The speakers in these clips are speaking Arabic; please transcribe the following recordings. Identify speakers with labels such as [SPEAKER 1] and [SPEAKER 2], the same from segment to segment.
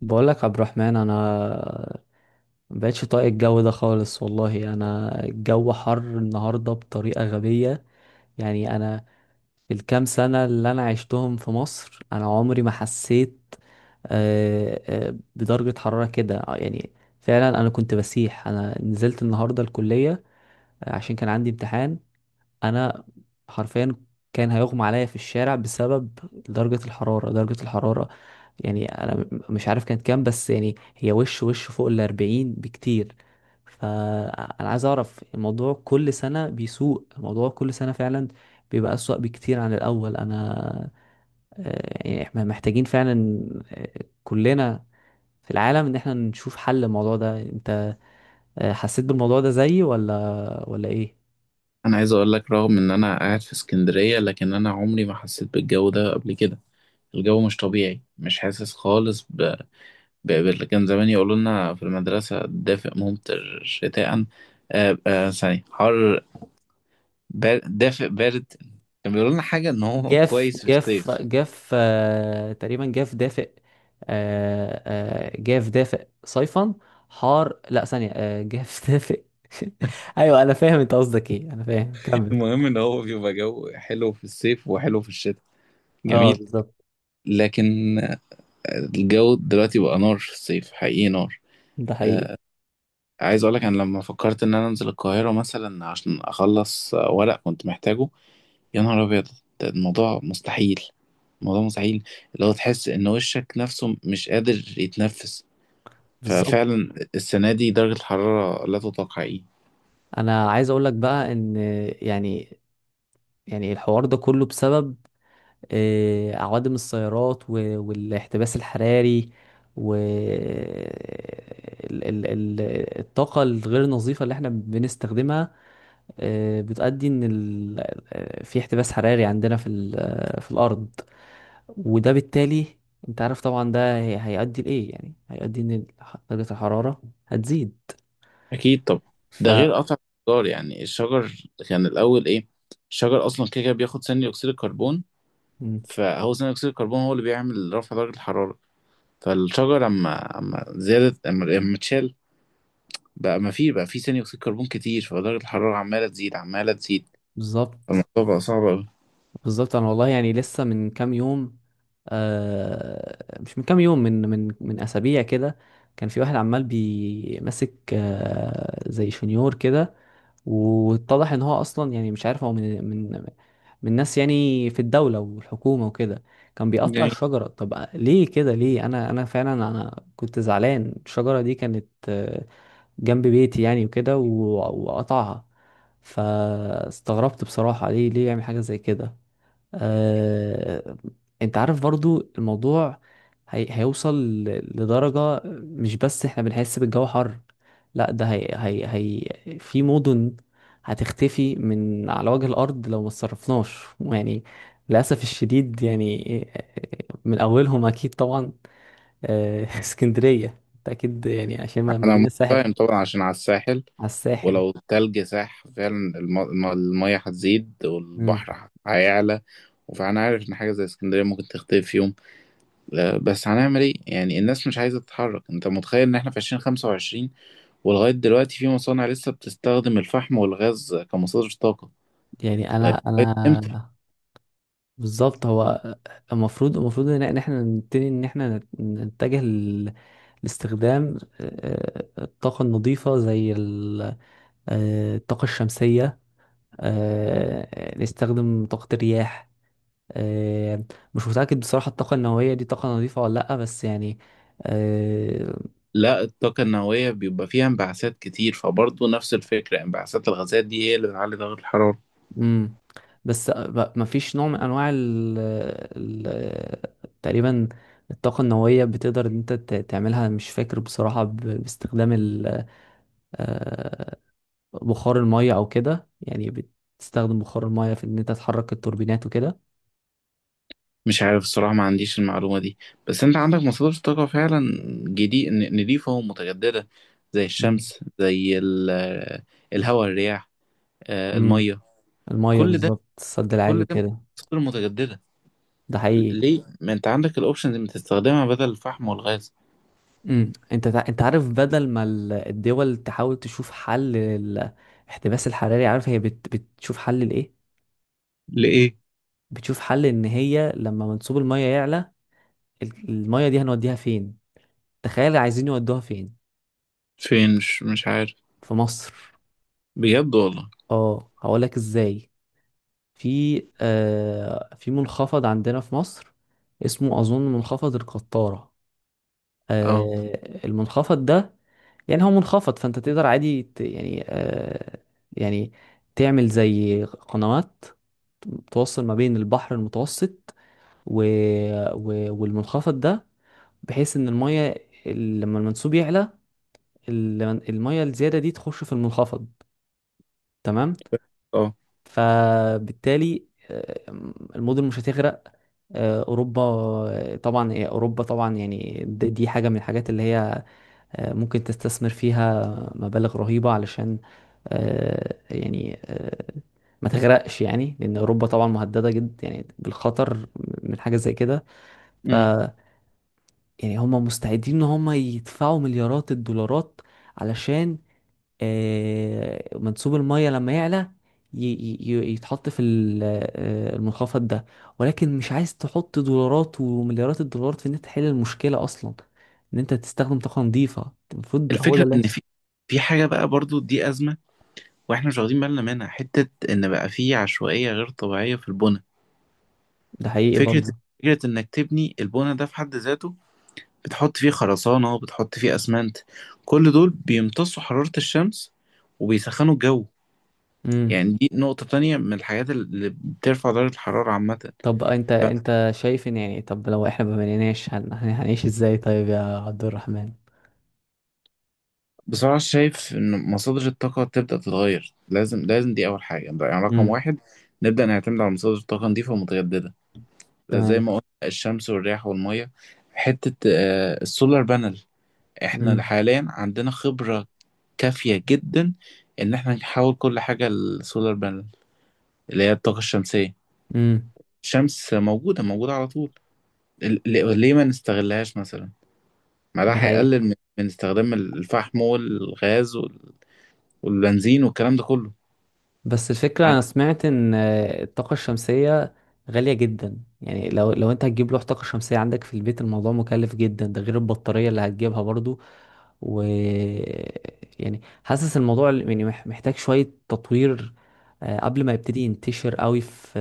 [SPEAKER 1] بقولك عبد الرحمن، انا مبقتش طايق الجو ده خالص والله. انا الجو حر النهارده بطريقه غبيه. يعني انا في الكام سنه اللي انا عشتهم في مصر انا عمري ما حسيت، آه، بدرجه حراره كده، يعني فعلا. انا كنت بسيح. انا نزلت النهارده الكليه، عشان كان عندي امتحان. انا حرفيا كان هيغمى عليا في الشارع بسبب درجة الحرارة درجة الحرارة. يعني انا مش عارف كانت كام، بس يعني هي وش وش فوق 40 بكتير. فانا عايز اعرف الموضوع، كل سنة بيسوء الموضوع، كل سنة فعلا بيبقى أسوأ بكتير عن الأول. أنا، يعني احنا محتاجين فعلا، آه، كلنا في العالم، إن احنا نشوف حل الموضوع ده. أنت، حسيت بالموضوع ده زيي، ولا إيه؟
[SPEAKER 2] انا عايز اقول لك رغم ان انا قاعد في اسكندرية، لكن انا عمري ما حسيت بالجو ده قبل كده. الجو مش طبيعي، مش حاسس خالص كان زمان يقولوا لنا في المدرسة دافئ ممطر شتاء. ثانية حر. دافئ بارد. كان بيقولوا لنا حاجة ان هو
[SPEAKER 1] جاف
[SPEAKER 2] كويس في
[SPEAKER 1] جاف
[SPEAKER 2] الصيف.
[SPEAKER 1] جاف، تقريبا جاف دافئ. آه. آه جاف دافئ صيفا حار، لا ثانية، جاف دافئ. ايوه، انا فاهم انت قصدك ايه، انا فاهم، كمل.
[SPEAKER 2] المهم ان هو بيبقى جو حلو في الصيف وحلو في الشتاء.
[SPEAKER 1] اه،
[SPEAKER 2] جميل.
[SPEAKER 1] بالظبط.
[SPEAKER 2] لكن الجو دلوقتي بقى نار في الصيف، حقيقي نار.
[SPEAKER 1] ده حقيقي.
[SPEAKER 2] عايز اقولك انا لما فكرت ان انا انزل القاهرة مثلا عشان اخلص ورق كنت محتاجه، يا نهار ابيض. ده الموضوع مستحيل. الموضوع مستحيل. اللي هو تحس ان وشك نفسه مش قادر يتنفس.
[SPEAKER 1] بالظبط.
[SPEAKER 2] ففعلا السنة دي درجة الحرارة لا تطاق حقيقي.
[SPEAKER 1] انا عايز اقول لك بقى ان، يعني يعني الحوار ده كله بسبب عوادم السيارات والاحتباس الحراري، و الطاقة الغير نظيفة اللي احنا بنستخدمها بتؤدي ان ال... آه، في احتباس حراري عندنا في ال... آه، في الارض. وده بالتالي، انت عارف طبعا، ده هيؤدي لايه، يعني هيؤدي ان درجة الحرارة هتزيد.
[SPEAKER 2] اكيد طبعا.
[SPEAKER 1] ف
[SPEAKER 2] ده غير قطع الشجار، يعني الشجر، كان الاول ايه. الشجر اصلا كده كده بياخد ثاني اكسيد الكربون.
[SPEAKER 1] مم.
[SPEAKER 2] فهو ثاني اكسيد الكربون هو اللي بيعمل رفع درجة الحرارة. فالشجر اما زادت، اما اتشال، بقى ما في بقى في ثاني اكسيد كربون كتير، فدرجه الحراره عماله تزيد عماله تزيد.
[SPEAKER 1] بالظبط.
[SPEAKER 2] فالموضوع بقى صعب قوي.
[SPEAKER 1] بالظبط، انا والله يعني لسه من كام يوم، مش من كام يوم، من اسابيع كده. كان في واحد عمال بيمسك، زي شنيور كده، واتضح ان هو اصلا، يعني مش عارف هو من من ناس، يعني في الدولة والحكومة وكده، كان بيقطع
[SPEAKER 2] جميل.
[SPEAKER 1] الشجرة. طب ليه كده؟ ليه؟ انا فعلا كنت زعلان. الشجرة دي كانت، جنب بيتي يعني، وكده، وقطعها. فاستغربت بصراحة، ليه ليه يعمل حاجة زي كده؟ آه، انت عارف برضو الموضوع هيوصل ل- لدرجة مش بس احنا بنحس بالجو حر، لا، ده في مدن هتختفي من على وجه الأرض لو ما اتصرفناش يعني. للأسف الشديد يعني، من أولهم أكيد طبعا، اسكندرية. أنت أكيد يعني عشان
[SPEAKER 2] انا
[SPEAKER 1] مدينة الساحل،
[SPEAKER 2] متفاهم طبعا عشان على الساحل.
[SPEAKER 1] على الساحل.
[SPEAKER 2] ولو التلج ساح فعلا المية هتزيد
[SPEAKER 1] مم.
[SPEAKER 2] والبحر هيعلى. فانا عارف ان حاجه زي اسكندريه ممكن تختفي في يوم. لا، بس هنعمل ايه يعني؟ الناس مش عايزه تتحرك. انت متخيل ان احنا في 2025 ولغايه دلوقتي في مصانع لسه بتستخدم الفحم والغاز كمصادر طاقه؟
[SPEAKER 1] يعني أنا
[SPEAKER 2] طيب لغاية امتى؟
[SPEAKER 1] أنا بالظبط. هو المفروض ان، إن احنا نبتدي ان احنا نتجه لاستخدام، الطاقة النظيفة، زي الطاقة الشمسية، نستخدم طاقة الرياح، آه، مش متأكد بصراحة الطاقة النووية دي طاقة نظيفة ولا لأ، بس يعني آه،
[SPEAKER 2] لا، الطاقة النووية بيبقى فيها انبعاثات كتير، فبرضه نفس الفكرة، انبعاثات الغازات دي هي اللي بتعلي ضغط الحرارة.
[SPEAKER 1] مم. بس مفيش نوع من أنواع ال تقريبا الطاقة النووية، بتقدر إن أنت تعملها، مش فاكر بصراحة، باستخدام آه، بخار المية او كده، يعني بتستخدم بخار المية في ان انت تحرك التوربينات وكده.
[SPEAKER 2] مش عارف الصراحة، ما عنديش المعلومة دي. بس انت عندك مصادر طاقة فعلا جديد نضيفة ومتجددة، زي
[SPEAKER 1] مم.
[SPEAKER 2] الشمس، زي الهواء الرياح،
[SPEAKER 1] مم.
[SPEAKER 2] المية.
[SPEAKER 1] المية
[SPEAKER 2] كل ده،
[SPEAKER 1] بالظبط، السد العالي
[SPEAKER 2] كل ده
[SPEAKER 1] وكده.
[SPEAKER 2] مصادر متجددة.
[SPEAKER 1] ده حقيقي.
[SPEAKER 2] ليه ما انت عندك الاوبشنز اللي بتستخدمها بدل الفحم والغاز؟
[SPEAKER 1] مم. انت عارف، بدل ما الدول تحاول تشوف حل الاحتباس الحراري، عارف هي بتشوف حل لايه؟
[SPEAKER 2] لإيه؟
[SPEAKER 1] بتشوف حل ان هي لما منسوب المية يعلى، المية دي هنوديها فين؟ تخيل عايزين يودوها فين؟
[SPEAKER 2] فين؟ مش عارف.
[SPEAKER 1] في مصر.
[SPEAKER 2] بجد والله؟
[SPEAKER 1] اه، هقولك ازاي. في، في منخفض عندنا في مصر، اسمه أظن منخفض القطارة.
[SPEAKER 2] اه،
[SPEAKER 1] المنخفض ده، يعني هو منخفض، فأنت تقدر عادي، يعني تعمل زي قنوات، توصل ما بين البحر المتوسط و... والمنخفض ده، بحيث إن المية، لما المنسوب يعلى، ال- المية الزيادة دي تخش في المنخفض. تمام.
[SPEAKER 2] اه،
[SPEAKER 1] فبالتالي، المدن مش هتغرق. اوروبا، طبعا، اوروبا طبعا، يعني دي حاجه من الحاجات اللي هي، ممكن تستثمر فيها مبالغ رهيبه علشان، يعني ما تغرقش، يعني لان اوروبا طبعا مهدده جدا يعني بالخطر من حاجه زي كده. يعني هم مستعدين ان هم يدفعوا مليارات الدولارات علشان، منسوب المية لما يعلى ي- يتحط في المنخفض ده. ولكن مش عايز تحط دولارات ومليارات الدولارات في ان انت تحل المشكلة اصلا، ان انت تستخدم طاقة نظيفة، المفروض هو ده
[SPEAKER 2] الفكرة
[SPEAKER 1] اللي
[SPEAKER 2] إن
[SPEAKER 1] يحصل.
[SPEAKER 2] في، في حاجة بقى برضو دي أزمة، وإحنا مش واخدين بالنا منها، حتة إن بقى في عشوائية غير طبيعية في البنى.
[SPEAKER 1] ده حقيقي
[SPEAKER 2] فكرة،
[SPEAKER 1] برضه.
[SPEAKER 2] فكرة إنك تبني البنى ده في حد ذاته، بتحط فيه خرسانة وبتحط فيه أسمنت. كل دول بيمتصوا حرارة الشمس وبيسخنوا الجو.
[SPEAKER 1] امم.
[SPEAKER 2] يعني دي نقطة تانية من الحاجات اللي بترفع درجة الحرارة عامة.
[SPEAKER 1] طب انت، شايف ان، يعني، طب لو احنا ما بنيناش هنعيش ازاي طيب يا عبد الرحمن؟
[SPEAKER 2] فبصراحة شايف إن مصادر الطاقة تبدأ تتغير، لازم لازم، دي أول حاجة يعني، رقم
[SPEAKER 1] امم.
[SPEAKER 2] واحد نبدأ نعتمد على مصادر الطاقة نظيفة ومتجددة. زي
[SPEAKER 1] تمام.
[SPEAKER 2] ما قلنا الشمس والرياح والميه. حته السولار بانل، احنا
[SPEAKER 1] امم.
[SPEAKER 2] حاليا عندنا خبره كافيه جدا ان احنا نحول كل حاجه للسولار بانل، اللي هي الطاقه الشمسيه.
[SPEAKER 1] امم.
[SPEAKER 2] الشمس موجوده موجوده على طول. ليه ما نستغلهاش مثلا؟ ما ده
[SPEAKER 1] ده حقيقي.
[SPEAKER 2] هيقلل من استخدام الفحم والغاز والبنزين والكلام ده كله.
[SPEAKER 1] بس الفكرة،
[SPEAKER 2] ع-
[SPEAKER 1] أنا سمعت إن الطاقة الشمسية غالية جدا. يعني لو أنت هتجيب لوح طاقة شمسية عندك في البيت، الموضوع مكلف جدا، ده غير البطارية اللي هتجيبها برضو. و يعني حاسس الموضوع، يعني محتاج شوية تطوير، قبل ما يبتدي ينتشر قوي في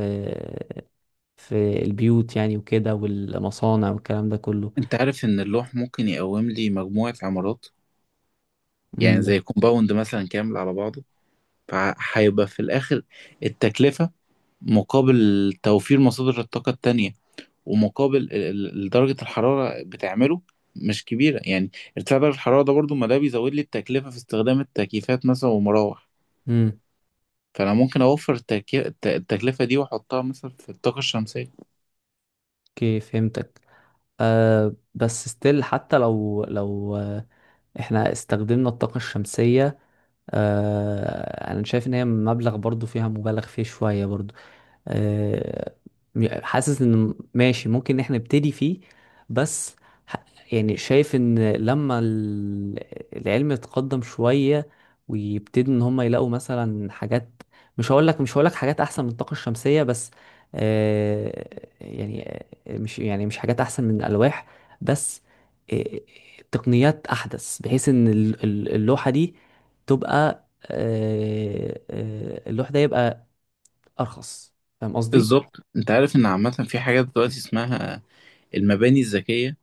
[SPEAKER 1] البيوت، يعني وكده، والمصانع والكلام ده كله.
[SPEAKER 2] انت عارف ان اللوح ممكن يقوم لي مجموعه عمارات، يعني
[SPEAKER 1] امم.
[SPEAKER 2] زي كومباوند مثلا كامل على بعضه. فهيبقى في الاخر التكلفه مقابل توفير مصادر الطاقة التانية، ومقابل درجة الحرارة بتعمله، مش كبيرة يعني. ارتفاع درجة الحرارة ده برضو ما ده بيزود لي التكلفة في استخدام التكييفات مثلا والمراوح.
[SPEAKER 1] امم.
[SPEAKER 2] فأنا ممكن أوفر التكلفة دي وأحطها مثلا في الطاقة الشمسية.
[SPEAKER 1] اوكي، فهمتك. أه، بس ستيل، حتى لو احنا استخدمنا الطاقة الشمسية، انا شايف ان هي مبلغ برضو، فيها مبالغ فيه شوية برضو، آه، حاسس ان ماشي، ممكن ان احنا نبتدي فيه، بس ح- يعني شايف ان لما العلم يتقدم شوية، ويبتدي ان هم يلاقوا مثلا حاجات، مش هقول لك حاجات احسن من الطاقة الشمسية، بس آه، يعني مش حاجات احسن من الالواح، بس آه، تقنيات احدث، بحيث ان اللوحة دي تبقى، اللوح ده يبقى ارخص. فاهم قصدي؟
[SPEAKER 2] بالظبط أنت عارف إن عامة في حاجات دلوقتي اسمها المباني الذكية.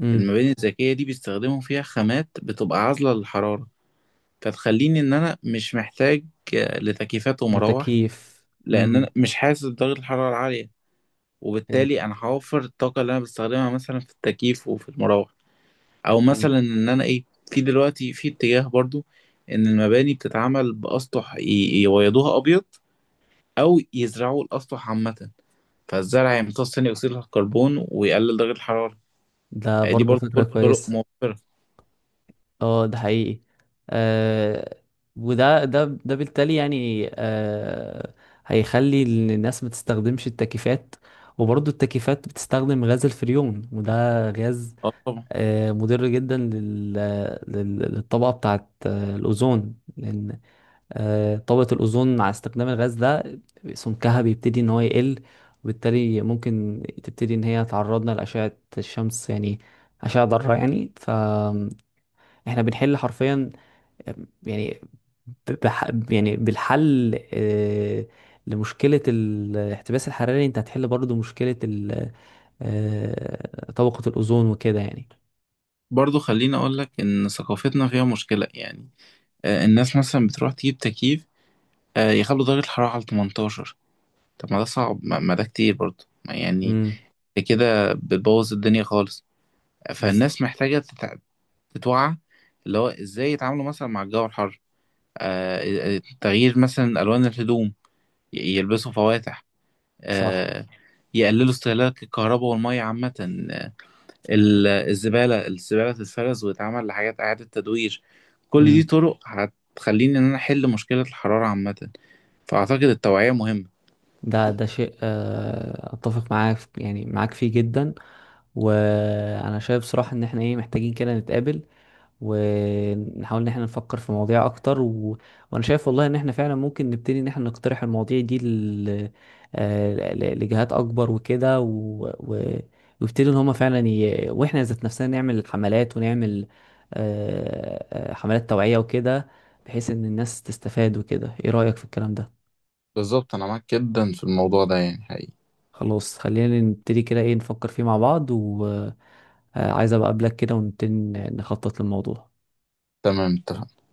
[SPEAKER 1] امم.
[SPEAKER 2] المباني الذكية دي بيستخدموا فيها خامات بتبقى عازلة للحرارة، فتخليني إن أنا مش محتاج لتكييفات ومراوح،
[SPEAKER 1] للتكييف.
[SPEAKER 2] لأن
[SPEAKER 1] امم.
[SPEAKER 2] أنا مش حاسس بدرجة الحرارة العالية.
[SPEAKER 1] فهمت.
[SPEAKER 2] وبالتالي انا هوفر الطاقه اللي انا بستخدمها مثلا في التكييف وفي المراوح. او
[SPEAKER 1] فهمت.
[SPEAKER 2] مثلا ان انا ايه، في دلوقتي في اتجاه برضو ان المباني بتتعمل باسطح يبيضوها ابيض، او يزرعوا الاسطح عامه. فالزرع يمتص ثاني اكسيد الكربون ويقلل درجه الحراره.
[SPEAKER 1] ده
[SPEAKER 2] يعني دي
[SPEAKER 1] برضه
[SPEAKER 2] برضو
[SPEAKER 1] فكرة
[SPEAKER 2] كل طرق
[SPEAKER 1] كويسة.
[SPEAKER 2] موفره.
[SPEAKER 1] اه، ده حقيقي. آه وده ده ده بالتالي يعني، هيخلي إن الناس ما تستخدمش التكييفات. وبرضه التكييفات بتستخدم غاز الفريون، وده غاز
[SPEAKER 2] اه، طبعا.
[SPEAKER 1] مضر جدا للطبقة بتاعت الأوزون، لأن طبقة الأوزون مع استخدام الغاز ده، سمكها بيبتدي إن هو يقل، وبالتالي ممكن تبتدي إن هي تعرضنا لأشعة الشمس يعني، أشعة ضارة يعني. فإحنا بنحل حرفيا، آه، يعني يعني بالحل، لمشكلة الاحتباس الحراري، أنت هتحل برضو مشكلة ال... آه، طبقة الأوزون وكده يعني.
[SPEAKER 2] برضو خليني اقول لك ان ثقافتنا فيها مشكله يعني. الناس مثلا بتروح تجيب تكييف، يخلوا درجه الحراره على 18. طب ما ده صعب، ما ده كتير برضو ما يعني.
[SPEAKER 1] امم.
[SPEAKER 2] كده بتبوظ الدنيا خالص. فالناس محتاجة تتوعى، اللي هو ازاي يتعاملوا مثلا مع الجو الحر. تغيير مثلا ألوان الهدوم، يلبسوا فواتح،
[SPEAKER 1] صح.
[SPEAKER 2] آه، يقللوا استهلاك الكهرباء والمية عامة. آه، الزبالة تتفرز وتتعمل لحاجات إعادة تدوير. كل دي طرق هتخليني إن أنا أحل مشكلة الحرارة عامة. فأعتقد التوعية مهمة.
[SPEAKER 1] ده شيء، اتفق معاك، يعني معاك فيه جدا. وانا شايف صراحة ان احنا ايه، محتاجين كده نتقابل ونحاول ان احنا نفكر في مواضيع اكتر، وانا شايف والله ان احنا فعلا ممكن نبتدي ان احنا نقترح المواضيع دي لجهات اكبر وكده، و... ويبتدوا ان هما فعلا واحنا ذات نفسنا نعمل حملات ونعمل، حملات توعية وكده، بحيث ان الناس تستفاد وكده. ايه رأيك في الكلام ده؟
[SPEAKER 2] بالظبط انا معاك جدا في الموضوع ده يعني حقيقي.
[SPEAKER 1] خلاص، خلينا نبتدي كده، ايه، نفكر فيه مع بعض، وعايز ابقى اقابلك كده، ونبتدي نخطط للموضوع.
[SPEAKER 2] تمام اتفقنا.